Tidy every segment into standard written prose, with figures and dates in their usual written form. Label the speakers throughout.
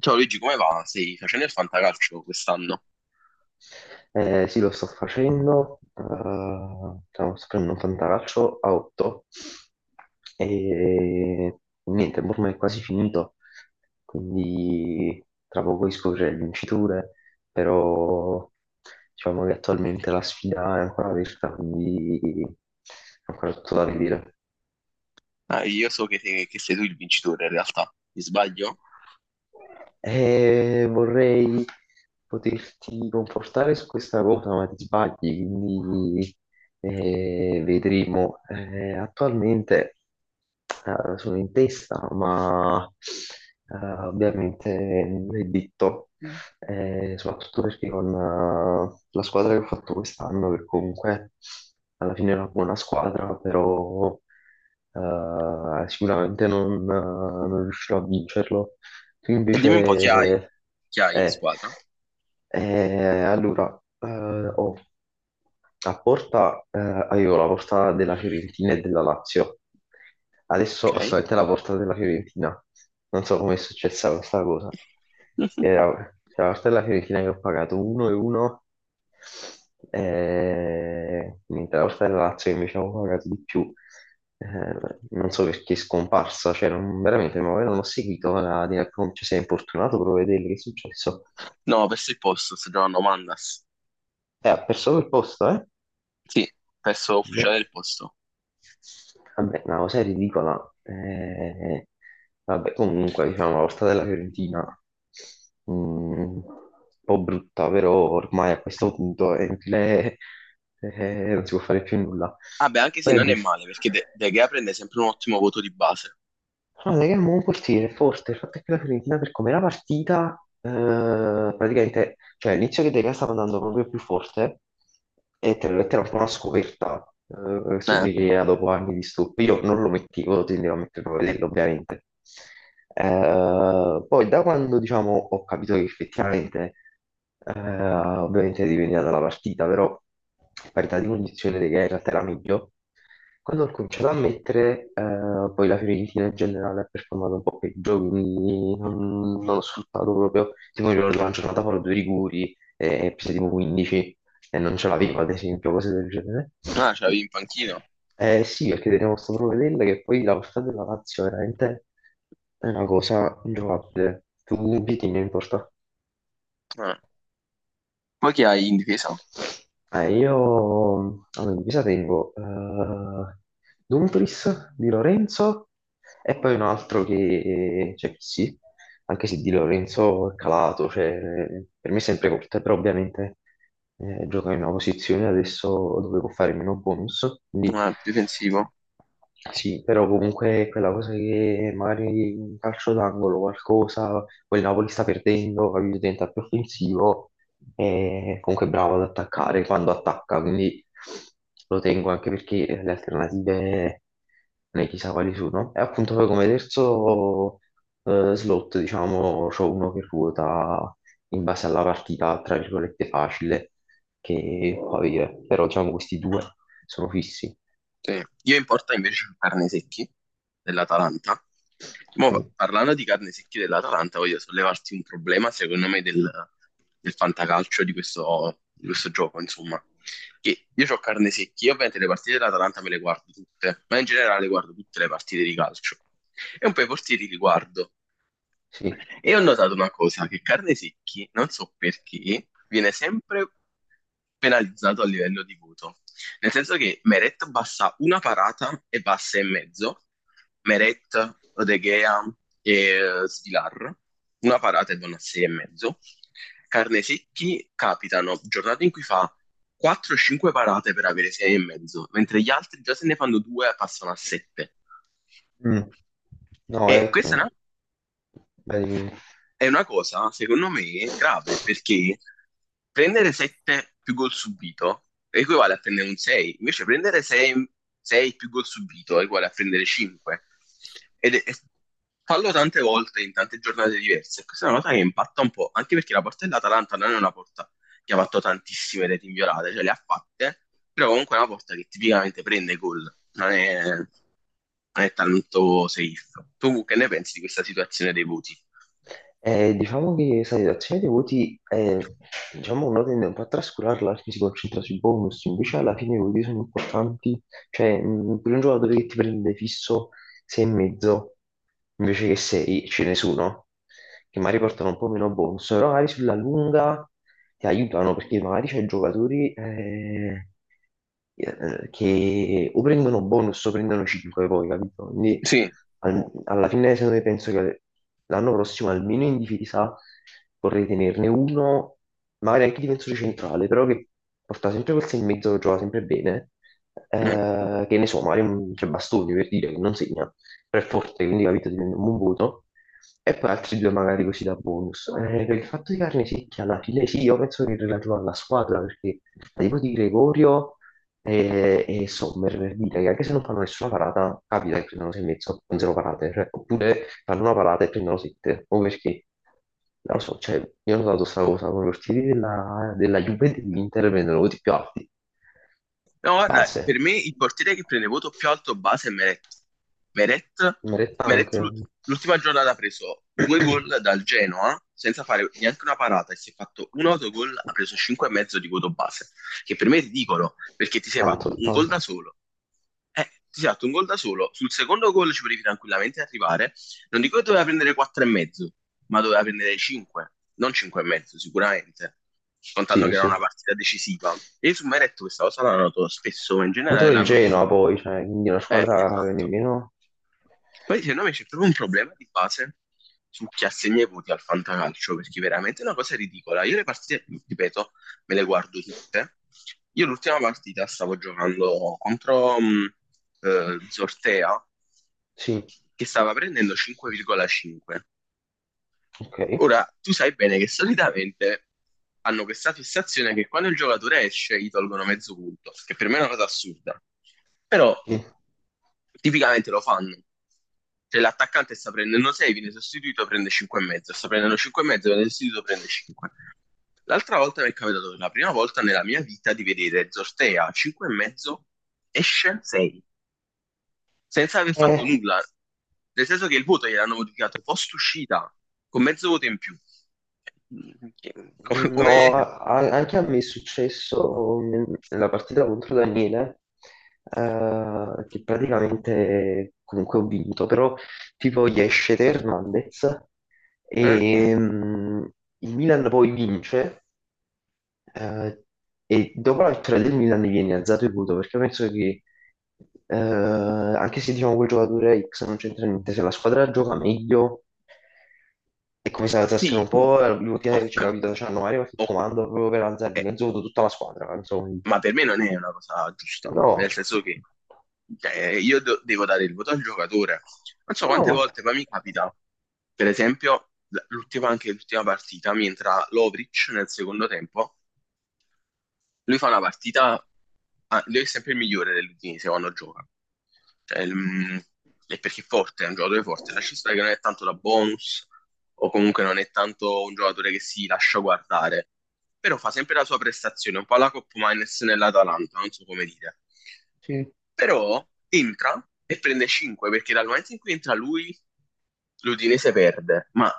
Speaker 1: Ciao Luigi, come va? Stai facendo il fantacalcio quest'anno?
Speaker 2: Sì, lo sto facendo, stiamo facendo un fantacalcio a 8 e niente, ormai è quasi finito, quindi tra poco scoprirò le vinciture, però diciamo che attualmente la sfida è ancora aperta, quindi è ancora tutto da vedere.
Speaker 1: Ah, io so che sei tu il vincitore in realtà, mi sbaglio?
Speaker 2: E vorrei poterti confortare su questa cosa, ma ti sbagli, quindi vedremo. Attualmente sono in testa, ma eh, ovviamente non è detto, soprattutto perché con la squadra che ho fatto quest'anno, che comunque alla fine è una buona squadra, però sicuramente non, non riuscirò a vincerlo. Tu
Speaker 1: E dimmi un po' chi hai,
Speaker 2: invece...
Speaker 1: chi hai in
Speaker 2: Eh,
Speaker 1: squadra?
Speaker 2: allora, oh, a Porta avevo la porta della Fiorentina e della Lazio. Adesso ho
Speaker 1: Ok.
Speaker 2: solamente la porta della Fiorentina. Non so come è successa questa cosa. Era, c'è la porta della Fiorentina che ho pagato 1 e 1, mentre la porta della Lazio che invece avevo pagato di più. eh, non so perché è scomparsa, cioè non, veramente ma poi non ho seguito la, cioè, si è importunato per vedere che è successo.
Speaker 1: No, ho perso il posto, sto giocando Mandas.
Speaker 2: Ha perso quel posto, eh?
Speaker 1: Sì, perso ufficiale
Speaker 2: Boh.
Speaker 1: del posto.
Speaker 2: Vabbè, una cosa ridicola. Vabbè, comunque, diciamo, la volta della Fiorentina, un po' brutta, però ormai a questo punto è inutile, non si può fare più nulla.
Speaker 1: Ah, beh, anche se
Speaker 2: Poi a
Speaker 1: non è
Speaker 2: dif-
Speaker 1: male, perché De Gea prende sempre un ottimo voto di base.
Speaker 2: Guarda che è un buon portiere, forte. Il fatto è che la Fiorentina per com'era partita, praticamente, cioè all'inizio che De Gea stava andando proprio più forte e te l'ho detto, era un po' una scoperta questo
Speaker 1: Eh,
Speaker 2: De Gea dopo anni di stup. Io non lo mettevo, tendevo a metterlo a vederlo ovviamente. Poi da quando diciamo, ho capito che effettivamente, ovviamente dipendeva dalla partita, però parità di condizione che in realtà era meglio, quando ho cominciato a mettere, poi la Fiorentina in generale ha performato un po' peggio, quindi non ho sfruttato proprio, tipo mi ricordo una giornata fuori due rigori e prese tipo 15, e non ce l'avevo, ad esempio, cose del genere.
Speaker 1: ah, ce l'avevi in panchina?
Speaker 2: Sì, perché tenevo sto provvedendo che poi la portata della Lazio veramente è una cosa ingiocabile. Tu chi tieni in porta?
Speaker 1: Eh. Poi chi hai in difesa?
Speaker 2: Io allora, in divisa tengo Dumfries di Lorenzo e poi un altro che, cioè, che sì, anche se di Lorenzo è calato, cioè, per me è sempre corta, però ovviamente gioca in una posizione adesso dove può fare meno bonus, quindi
Speaker 1: Difensivo.
Speaker 2: sì, però comunque è quella cosa che magari in calcio d'angolo qualcosa, poi il Napoli sta perdendo, capito, diventa più offensivo e comunque è bravo ad attaccare quando attacca, quindi lo tengo anche perché le alternative ne chissà quali sono. E appunto poi come terzo slot, diciamo, c'ho uno che ruota in base alla partita, tra virgolette, facile, che può avere, però diciamo questi due sono fissi.
Speaker 1: Sì. Io in porta invece ho carne secchi dell'Atalanta. Mo,
Speaker 2: Ok,
Speaker 1: parlando di carne secchi dell'Atalanta, voglio sollevarti un problema, secondo me, del fantacalcio di questo gioco, insomma. Che io ho carne secchi, io ovviamente le partite dell'Atalanta me le guardo tutte, ma in generale guardo tutte le partite di calcio. E un po' i portieri li guardo.
Speaker 2: sì.
Speaker 1: E ho notato una cosa, che carne secchi, non so perché, viene sempre penalizzato a livello di voto. Nel senso che Meret basta una parata e passa in mezzo, Meret, Odeghea e Svilar, una parata e vanno a 6,5. Carne secchi capitano giornate in cui fa 4-5 parate per avere 6,5, mentre gli altri già se ne fanno due e passano a 7.
Speaker 2: Mm. No,
Speaker 1: E
Speaker 2: è...
Speaker 1: questa è una
Speaker 2: Vai, dimmi.
Speaker 1: è una cosa, secondo me, grave, perché prendere 7 più gol subito equivale a prendere un 6, invece prendere 6 più gol subito equivale a prendere 5. Ed è- fallo tante volte in tante giornate diverse. Questa è una cosa che impatta un po', anche perché la porta dell'Atalanta non è una porta che ha fatto tantissime reti inviolate, cioè le ha fatte, però comunque è una porta che tipicamente prende gol, non è tanto safe. Tu che ne pensi di questa situazione dei voti?
Speaker 2: Diciamo che sai, la redazione dei voti, diciamo, uno tende un po' a trascurarla, perché si concentra sui bonus, invece alla fine i voti sono importanti, cioè per un giocatore che ti prende fisso 6 e mezzo, invece che 6 ce ne sono, che magari portano un po' meno bonus, però magari sulla lunga ti aiutano perché magari c'è giocatori che o prendono bonus o prendono 5 poi, capito? Quindi
Speaker 1: Sì.
Speaker 2: alla fine secondo me penso che l'anno prossimo almeno in difesa vorrei tenerne uno, magari anche difensore centrale, però che porta sempre quel 6 e mezzo che gioca sempre bene,
Speaker 1: Mm.
Speaker 2: che ne so, magari un tre bastoni per dire che non segna, però è forte, quindi capito, ti prende un buon voto. E poi altri due magari così da bonus. Per il fatto di carne secchia, alla fine sì, io penso che è relativo alla squadra, perché tipo di Gregorio e Sommer, per dire che anche se non fanno nessuna parata, capita che prendono sei e mezzo, con zero parate, cioè, oppure fanno una parata e prendono sette, o perché, non lo so, cioè, io ho notato questa cosa, con i portieri della Juve e dell'Inter prendono voti più alti,
Speaker 1: No, guarda,
Speaker 2: base.
Speaker 1: per me il portiere che prende voto più alto base è Meret. Meret,
Speaker 2: Meretta
Speaker 1: Meret
Speaker 2: anche.
Speaker 1: l'ultima giornata ha preso due gol dal Genoa senza fare neanche una parata e si è fatto un autogol, ha preso 5,5 di voto base, che per me è ridicolo, perché ti sei fatto
Speaker 2: Tanto,
Speaker 1: un gol da
Speaker 2: tanto.
Speaker 1: solo. Eh, Ti sei fatto un gol da solo, sul secondo gol ci potevi tranquillamente arrivare. Non dico che doveva prendere 4,5, ma doveva prendere 5, non 5,5 sicuramente, contando
Speaker 2: Sì,
Speaker 1: che era una
Speaker 2: sì.
Speaker 1: partita decisiva. E su Meret questa cosa l'hanno notato spesso, ma in
Speaker 2: Contro
Speaker 1: generale
Speaker 2: il
Speaker 1: l'hanno...
Speaker 2: Genoa poi, cioè, quindi una squadra che
Speaker 1: Esatto.
Speaker 2: nemmeno...
Speaker 1: Poi secondo me c'è proprio un problema di base su chi assegna i voti al fantacalcio, perché veramente è una cosa ridicola. Io le partite, ripeto, me le guardo tutte. Io l'ultima partita stavo giocando contro Zortea,
Speaker 2: Sì,
Speaker 1: che stava prendendo 5,5.
Speaker 2: ok.
Speaker 1: Ora, tu sai bene che solitamente hanno questa fissazione che quando il giocatore esce gli tolgono mezzo punto, che per me è una cosa assurda. Però
Speaker 2: Sì.
Speaker 1: tipicamente lo fanno. Se l'attaccante sta prendendo 6, viene sostituito, prende 5,5. Sta prendendo 5,5, viene sostituito, prende 5. L'altra volta mi è capitato per la prima volta nella mia vita di vedere Zortea 5,5, esce 6 senza aver fatto
Speaker 2: Eh,
Speaker 1: nulla. Nel senso che il voto gliel'hanno modificato post uscita, con mezzo voto in più. Che- Come... come-
Speaker 2: no, anche a me è successo nella partita contro Daniele, che praticamente comunque ho vinto, però tipo gli esce Hernandez
Speaker 1: eh?
Speaker 2: e mm, il Milan poi vince. Eh, e dopo la vittoria del Milan mi viene alzato il voto perché penso che anche se diciamo quel giocatore X non c'entra niente, se la squadra gioca meglio è come se alzassero un
Speaker 1: Sì,
Speaker 2: po' l'ultima che c'è
Speaker 1: ok,
Speaker 2: capito, c'hanno Mario che
Speaker 1: ok.
Speaker 2: comando proprio per alzare di
Speaker 1: Eh,
Speaker 2: mezzo voto tutta la squadra, insomma.
Speaker 1: ma per me non è una cosa giusta, nel
Speaker 2: No,
Speaker 1: senso che, cioè, io devo dare il voto al giocatore. Non so
Speaker 2: no,
Speaker 1: quante
Speaker 2: ma...
Speaker 1: volte, ma mi capita, per esempio, l'ultima, anche l'ultima partita, mi entra Lovric nel secondo tempo. Lui fa una partita, ah, lui è sempre il migliore dell'Udinese quando gioca. Cioè, è perché è forte, è un giocatore forte. Lascia stare che non è tanto da bonus o comunque non è tanto un giocatore che si lascia guardare, però fa sempre la sua prestazione, un po' alla Coppa Miners nell'Atalanta, non so come dire.
Speaker 2: Sì.
Speaker 1: Però entra e prende 5 perché dal momento in cui entra lui, l'Udinese perde, ma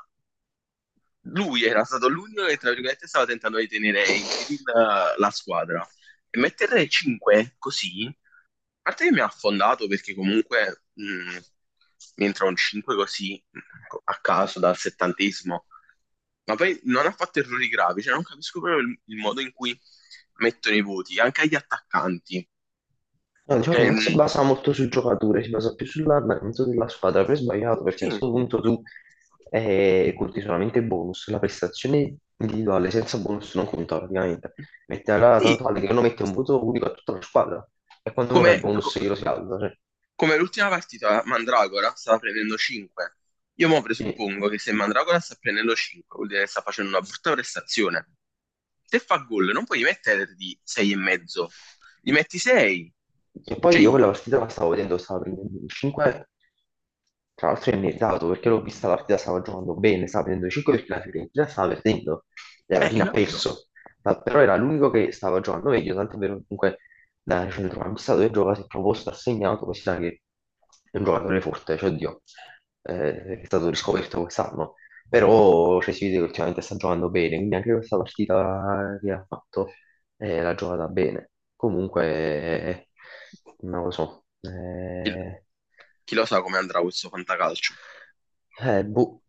Speaker 1: lui era stato l'unico che, tra virgolette, stava tentando di tenere in piedi la squadra. E mettere 5 così, a parte che mi ha affondato perché comunque mi entra un 5 così a caso dal settantesimo, ma poi non ha fatto errori gravi, cioè non capisco proprio il modo in cui mettono i voti, anche agli attaccanti.
Speaker 2: No, diciamo che
Speaker 1: Cioè,
Speaker 2: non si basa molto sul giocatore, si basa più sull'andamento della squadra. Per sbagliato, perché a
Speaker 1: sì,
Speaker 2: questo punto tu conti solamente il bonus, la prestazione individuale senza bonus non conta praticamente. Mette alla tanto
Speaker 1: sì,
Speaker 2: vale che uno mette un voto unico a tutta la squadra e quando uno fa
Speaker 1: come...
Speaker 2: il bonus
Speaker 1: co-
Speaker 2: glielo si alza. Cioè,
Speaker 1: Come l'ultima partita, Mandragora stava prendendo 5. Io mo
Speaker 2: sì.
Speaker 1: presuppongo che se Mandragora sta prendendo 5, vuol dire che sta facendo una brutta prestazione. Se fa gol, non puoi mettergli 6,5. Gli metti 6.
Speaker 2: E poi
Speaker 1: Cioè,
Speaker 2: io quella partita la stavo vedendo, stava prendendo un 5, tra l'altro è meritato perché l'ho vista la partita, stava giocando bene, stava prendendo 5 perché la Fiorentina stava perdendo e alla
Speaker 1: hai
Speaker 2: fine ha
Speaker 1: capito?
Speaker 2: perso, ma però era l'unico che stava giocando meglio, tanto è vero che comunque da centrocampista dove gioca si è proposto, ha segnato, così sa che è un giocatore forte, cioè oddio, è stato riscoperto quest'anno, però cioè, si vede che ultimamente sta giocando bene, quindi anche questa partita che ha fatto e l'ha giocata bene. Comunque, non lo so,
Speaker 1: Il- Chi lo sa come andrà questo fantacalcio?
Speaker 2: boh,